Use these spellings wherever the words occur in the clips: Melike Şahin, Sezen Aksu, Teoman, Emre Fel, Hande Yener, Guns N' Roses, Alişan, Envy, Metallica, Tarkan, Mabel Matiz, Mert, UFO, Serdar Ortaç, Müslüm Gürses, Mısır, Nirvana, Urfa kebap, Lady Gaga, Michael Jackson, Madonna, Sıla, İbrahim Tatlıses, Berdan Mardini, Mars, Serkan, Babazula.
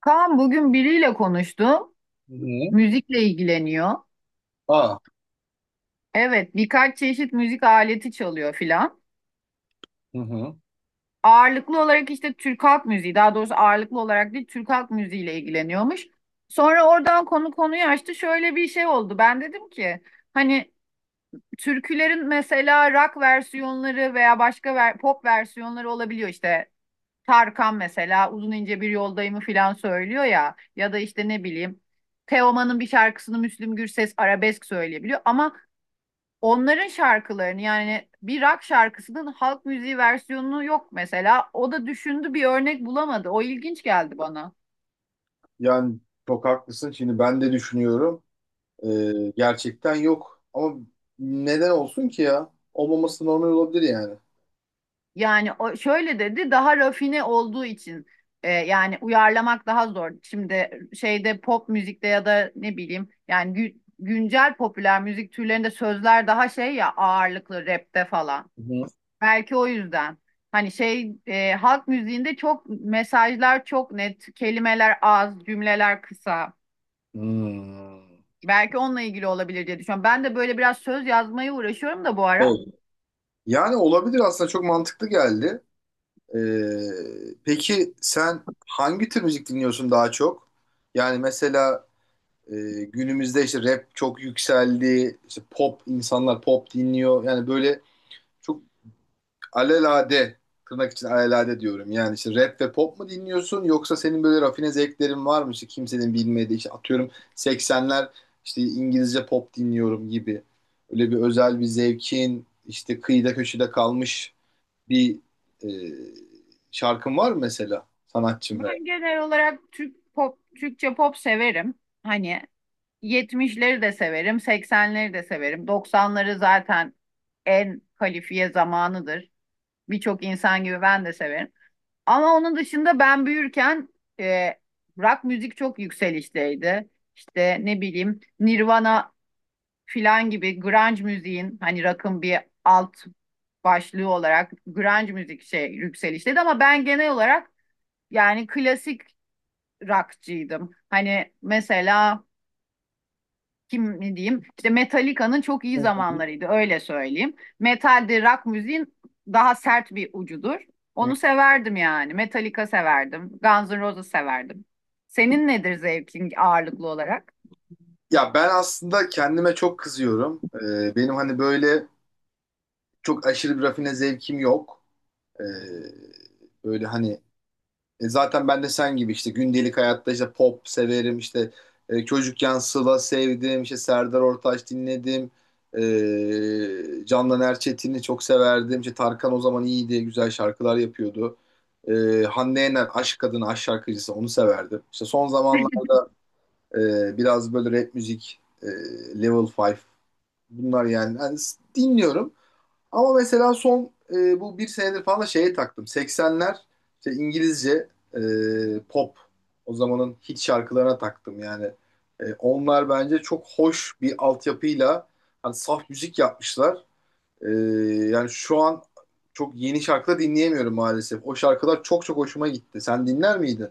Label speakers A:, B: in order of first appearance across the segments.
A: Kaan, bugün biriyle konuştum.
B: Hı hı.
A: Müzikle ilgileniyor.
B: Aa.
A: Evet, birkaç çeşit müzik aleti çalıyor filan.
B: Hı hı.
A: Ağırlıklı olarak işte Türk halk müziği, daha doğrusu ağırlıklı olarak değil, Türk halk müziğiyle ilgileniyormuş. Sonra oradan konuyu açtı. Şöyle bir şey oldu. Ben dedim ki hani türkülerin mesela rock versiyonları veya başka pop versiyonları olabiliyor işte. Tarkan mesela uzun ince bir yoldayımı filan söylüyor ya, ya da işte ne bileyim, Teoman'ın bir şarkısını Müslüm Gürses arabesk söyleyebiliyor ama onların şarkılarını, yani bir rock şarkısının halk müziği versiyonu yok mesela. O da düşündü, bir örnek bulamadı. O ilginç geldi bana.
B: Yani çok haklısın. Şimdi ben de düşünüyorum. Gerçekten yok. Ama neden olsun ki ya? Olmaması normal olabilir yani.
A: Yani o şöyle dedi, daha rafine olduğu için yani uyarlamak daha zor. Şimdi şeyde, pop müzikte ya da ne bileyim, yani güncel popüler müzik türlerinde sözler daha şey ya, ağırlıklı rapte falan.
B: Hı hı.
A: Belki o yüzden. Hani şey, halk müziğinde çok, mesajlar çok net, kelimeler az, cümleler kısa.
B: Hmm.
A: Belki onunla ilgili olabilir diye düşünüyorum. Ben de böyle biraz söz yazmaya uğraşıyorum da bu ara.
B: Evet. Yani olabilir aslında çok mantıklı geldi. Peki sen hangi tür müzik dinliyorsun daha çok? Yani mesela günümüzde işte rap çok yükseldi. İşte pop insanlar pop dinliyor. Yani böyle çok alelade, tırnak için alelade diyorum. Yani işte rap ve pop mu dinliyorsun yoksa senin böyle rafine zevklerin var mı? İşte kimsenin bilmediği işte atıyorum 80'ler işte İngilizce pop dinliyorum gibi. Öyle bir özel bir zevkin işte kıyıda köşede kalmış bir e, şarkın var mı mesela, sanatçım ve...
A: Ben genel olarak Türk pop, Türkçe pop severim. Hani yetmişleri de severim, seksenleri de severim. Doksanları zaten en kalifiye zamanıdır. Birçok insan gibi ben de severim. Ama onun dışında ben büyürken e, rock müzik çok yükselişteydi. İşte ne bileyim Nirvana filan gibi grunge müziğin, hani rock'ın bir alt başlığı olarak grunge müzik şey yükselişteydi ama ben genel olarak yani klasik rockçıydım. Hani mesela kim ne diyeyim, işte Metallica'nın çok
B: Hı
A: iyi
B: hı.
A: zamanlarıydı, öyle söyleyeyim. Metal de rock müziğin daha sert bir ucudur.
B: Hı.
A: Onu severdim yani. Metallica severdim. Guns N' Roses severdim. Senin nedir zevkin ağırlıklı olarak?
B: Ya ben aslında kendime çok kızıyorum. Benim hani böyle çok aşırı bir rafine zevkim yok. Ee, Böyle hani. Zaten ben de sen gibi işte gündelik hayatta işte pop severim, işte çocukken Sıla sevdim, işte Serdar Ortaç dinledim, Candan Erçetin'i çok severdim, işte Tarkan o zaman iyiydi, güzel şarkılar yapıyordu, e, Hande Yener Aşk Kadını Aşk şarkıcısı, onu severdim, işte son zamanlar biraz böyle rap müzik, Level 5, bunlar Yani dinliyorum. Ama mesela son bu bir senedir falan da şeye taktım. 80'ler, işte İngilizce pop, o zamanın hit şarkılarına taktım yani. Onlar bence çok hoş bir altyapıyla, hani saf müzik yapmışlar. E, Yani şu an çok yeni şarkıda dinleyemiyorum maalesef. O şarkılar çok çok hoşuma gitti. Sen dinler miydin?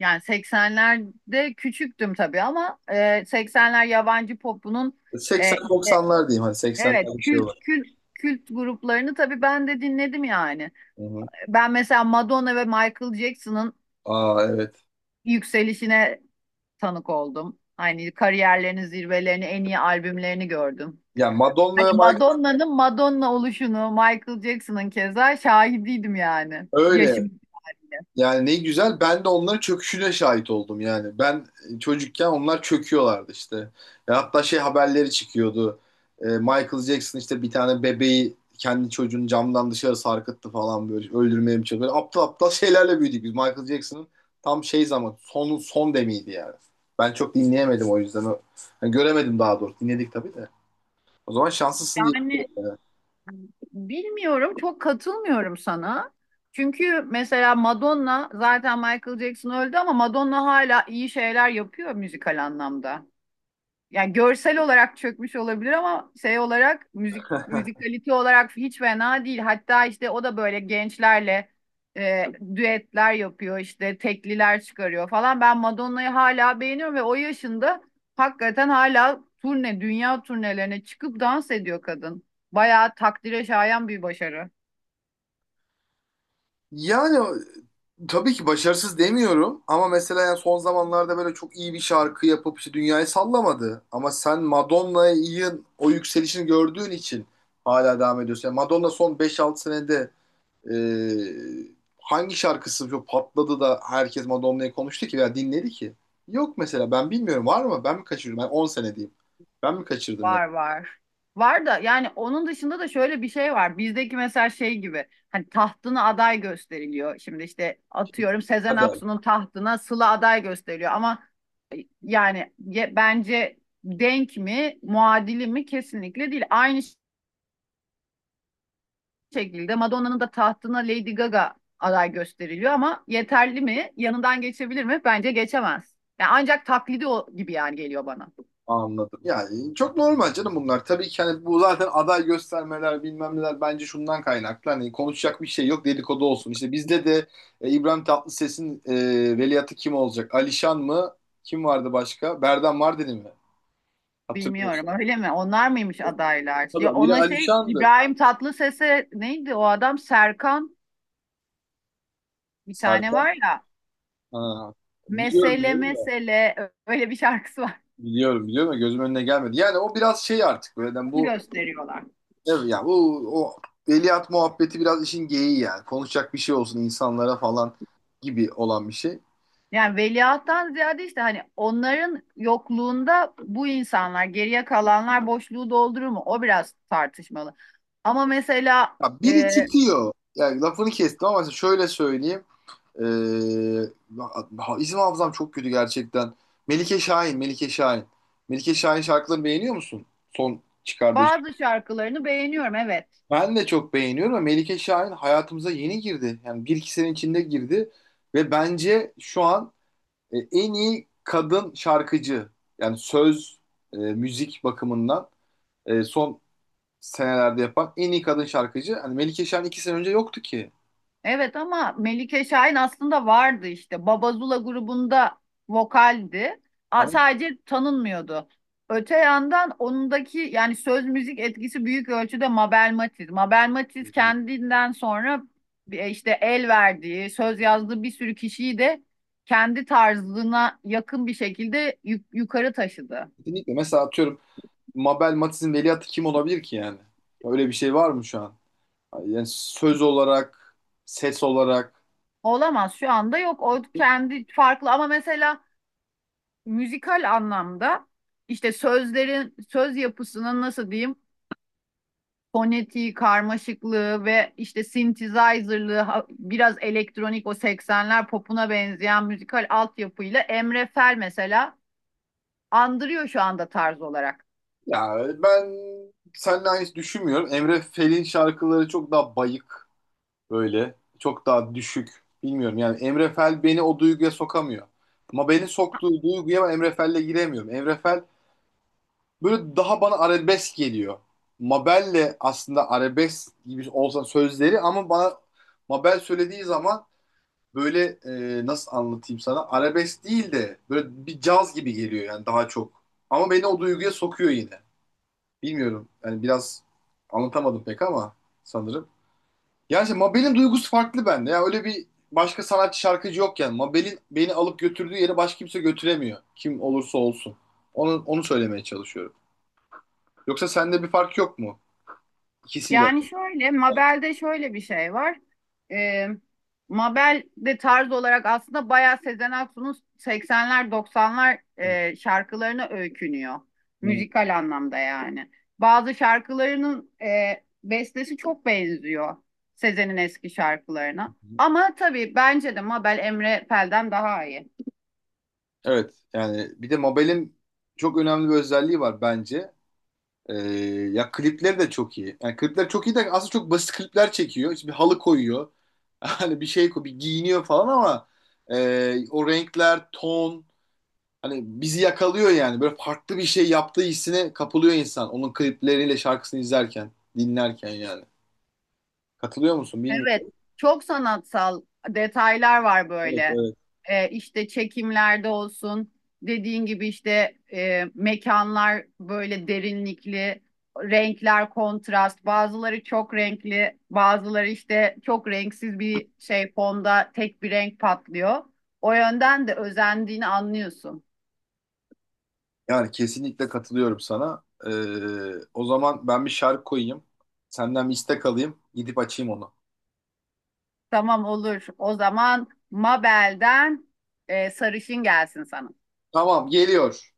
A: Yani 80'lerde küçüktüm tabii ama 80'ler yabancı popunun işte
B: 80-90'lar diyeyim, hani
A: evet,
B: 80'ler bir şey
A: kült
B: var.
A: kült kült gruplarını tabii ben de dinledim yani.
B: Hı hı.
A: Ben mesela Madonna ve Michael Jackson'ın
B: Aa evet.
A: yükselişine tanık oldum. Hani kariyerlerinin zirvelerini, en iyi albümlerini gördüm.
B: Ya Madonna
A: Hani
B: ve Michael,
A: Madonna'nın Madonna oluşunu, Michael Jackson'ın keza şahidiydim yani.
B: öyle.
A: Yaşım içinde.
B: Yani ne güzel, ben de onların çöküşüne şahit oldum yani. Ben çocukken onlar çöküyorlardı işte. Ya hatta şey haberleri çıkıyordu. Michael Jackson işte bir tane bebeği, kendi çocuğunu camdan dışarı sarkıttı falan, böyle öldürmeye mi çalışıyor. Böyle aptal aptal şeylerle büyüdük biz. Michael Jackson'ın tam şey zaman, son son demiydi yani. Ben çok dinleyemedim o yüzden. Yani göremedim daha doğrusu. Dinledik tabii de. O zaman şanslısın diye.
A: Yani bilmiyorum, çok katılmıyorum sana. Çünkü mesela Madonna, zaten Michael Jackson öldü ama Madonna hala iyi şeyler yapıyor müzikal anlamda. Yani görsel olarak çökmüş olabilir ama şey olarak, müzik, müzikalite olarak hiç fena değil. Hatta işte o da böyle gençlerle e, düetler yapıyor, işte tekliler çıkarıyor falan. Ben Madonna'yı hala beğeniyorum ve o yaşında hakikaten hala turne, dünya turnelerine çıkıp dans ediyor kadın. Bayağı takdire şayan bir başarı.
B: Yani. Tabii ki başarısız demiyorum ama mesela yani son zamanlarda böyle çok iyi bir şarkı yapıp işte dünyayı sallamadı. Ama sen Madonna'yı, o yükselişini gördüğün için hala devam ediyorsun. Yani Madonna son beş 6 senede e, hangi şarkısı çok patladı da herkes Madonna'yı konuştu ki veya dinledi ki? Yok mesela, ben bilmiyorum, var mı? Ben mi kaçırıyorum? Ben 10 sene diyeyim. Ben mi kaçırdım yani?
A: Var, var. Var da yani onun dışında da şöyle bir şey var. Bizdeki mesela şey gibi, hani tahtına aday gösteriliyor. Şimdi işte atıyorum Sezen Aksu'nun tahtına Sıla aday gösteriliyor ama yani bence denk mi, muadili mi, kesinlikle değil. Aynı şekilde Madonna'nın da tahtına Lady Gaga aday gösteriliyor ama yeterli mi? Yanından geçebilir mi? Bence geçemez. Yani ancak taklidi o gibi yani geliyor bana.
B: Anladım. Yani çok normal canım bunlar. Tabii ki hani bu zaten aday göstermeler bilmem neler bence şundan kaynaklı. Hani konuşacak bir şey yok, dedikodu olsun. İşte bizde de İbrahim Tatlıses'in veliahtı kim olacak? Alişan mı? Kim vardı başka? Berdan Mardini mi?
A: Bilmiyorum,
B: Hatırlıyorsun.
A: öyle mi? Onlar mıymış adaylar? Ya
B: Tabii, biri
A: ona şey,
B: Alişan'dı.
A: İbrahim Tatlıses'e, neydi o adam, Serkan, bir tane
B: Serkan.
A: var ya.
B: Ha. Biliyorum
A: Mesele
B: biliyorum da.
A: mesele öyle bir şarkısı var.
B: Biliyorum biliyorum da, gözümün önüne gelmedi. Yani o biraz şey artık, böyle. Yani
A: Onu
B: bu.
A: gösteriyorlar.
B: Evet ya, bu o veliaht muhabbeti biraz işin geyiği yani. Konuşacak bir şey olsun insanlara falan gibi olan bir şey.
A: Yani veliahttan ziyade işte hani onların yokluğunda bu insanlar, geriye kalanlar boşluğu doldurur mu? O biraz tartışmalı. Ama mesela
B: Ya biri
A: e,
B: çıkıyor. Yani lafını kestim ama şöyle söyleyeyim. Ee, isim hafızam çok kötü gerçekten. Melike Şahin, Melike Şahin. Melike Şahin şarkılarını beğeniyor musun? Son çıkardığı şey.
A: bazı şarkılarını beğeniyorum, evet.
B: Ben de çok beğeniyorum ama Melike Şahin hayatımıza yeni girdi. Yani bir iki sene içinde girdi ve bence şu an en iyi kadın şarkıcı, yani söz, müzik bakımından son senelerde yapan en iyi kadın şarkıcı. Hani Melike Şahin 2 sene önce yoktu ki.
A: Evet ama Melike Şahin aslında vardı işte. Babazula grubunda vokaldi. A-
B: Ama
A: Sadece tanınmıyordu. Öte yandan onundaki yani söz müzik etkisi büyük ölçüde Mabel Matiz. Mabel Matiz kendinden sonra işte el verdiği, söz yazdığı bir sürü kişiyi de kendi tarzına yakın bir şekilde yukarı taşıdı.
B: kesinlikle. Mesela atıyorum, Mabel Matiz'in veliahtı kim olabilir ki yani? Öyle bir şey var mı şu an? Yani söz olarak, ses olarak.
A: Olamaz, şu anda yok. O kendi farklı ama mesela müzikal anlamda işte sözlerin, söz yapısının, nasıl diyeyim, fonetiği, karmaşıklığı ve işte synthesizer'lığı, biraz elektronik, o seksenler popuna benzeyen müzikal altyapıyla Emre Fel mesela andırıyor şu anda tarz olarak.
B: Ya ben seninle aynı düşünmüyorum. Emre Fel'in şarkıları çok daha bayık. Böyle çok daha düşük. Bilmiyorum yani, Emre Fel beni o duyguya sokamıyor. Ama beni soktuğu duyguya ben Emre Fel'le giremiyorum. Emre Fel böyle daha bana arabesk geliyor. Mabel'le aslında arabesk gibi olsa sözleri, ama bana Mabel söylediği zaman böyle, nasıl anlatayım sana, arabesk değil de böyle bir caz gibi geliyor yani, daha çok. Ama beni o duyguya sokuyor yine. Bilmiyorum yani, biraz anlatamadım pek ama, sanırım. Yani işte Mabel'in duygusu farklı bende. Yani öyle bir başka sanatçı, şarkıcı yok yani. Mabel'in beni alıp götürdüğü yere başka kimse götüremiyor. Kim olursa olsun. Onu söylemeye çalışıyorum. Yoksa sende bir fark yok mu? İkisiyle.
A: Yani şöyle, Mabel'de şöyle bir şey var. Ee, Mabel de tarz olarak aslında bayağı Sezen Aksu'nun 80'ler 90'lar şarkılarına öykünüyor.
B: Hı.
A: Müzikal anlamda yani. Bazı şarkılarının bestesi çok benziyor Sezen'in eski şarkılarına. Ama tabii bence de Mabel Emre Pel'den daha iyi.
B: Evet yani bir de Mabel'in çok önemli bir özelliği var bence. Ee, Ya klipleri de çok iyi. Yani klipler çok iyi de aslında çok basit klipler çekiyor. İşte bir halı koyuyor. Hani bir şey koyuyor, bir giyiniyor falan ama o renkler, ton, hani bizi yakalıyor yani. Böyle farklı bir şey yaptığı hissine kapılıyor insan. Onun klipleriyle şarkısını izlerken, dinlerken yani. Katılıyor musun
A: Evet,
B: bilmiyorum.
A: çok sanatsal detaylar var
B: Evet,
A: böyle.
B: evet.
A: İşte çekimlerde olsun, dediğin gibi işte mekanlar böyle derinlikli, renkler kontrast, bazıları çok renkli, bazıları işte çok renksiz, bir şey fonda, tek bir renk patlıyor. O yönden de özendiğini anlıyorsun.
B: Yani kesinlikle katılıyorum sana. O zaman ben bir şarkı koyayım. Senden bir istek alayım. Gidip açayım onu.
A: Tamam, olur. O zaman Mabel'den sarışın gelsin sana.
B: Tamam, geliyor.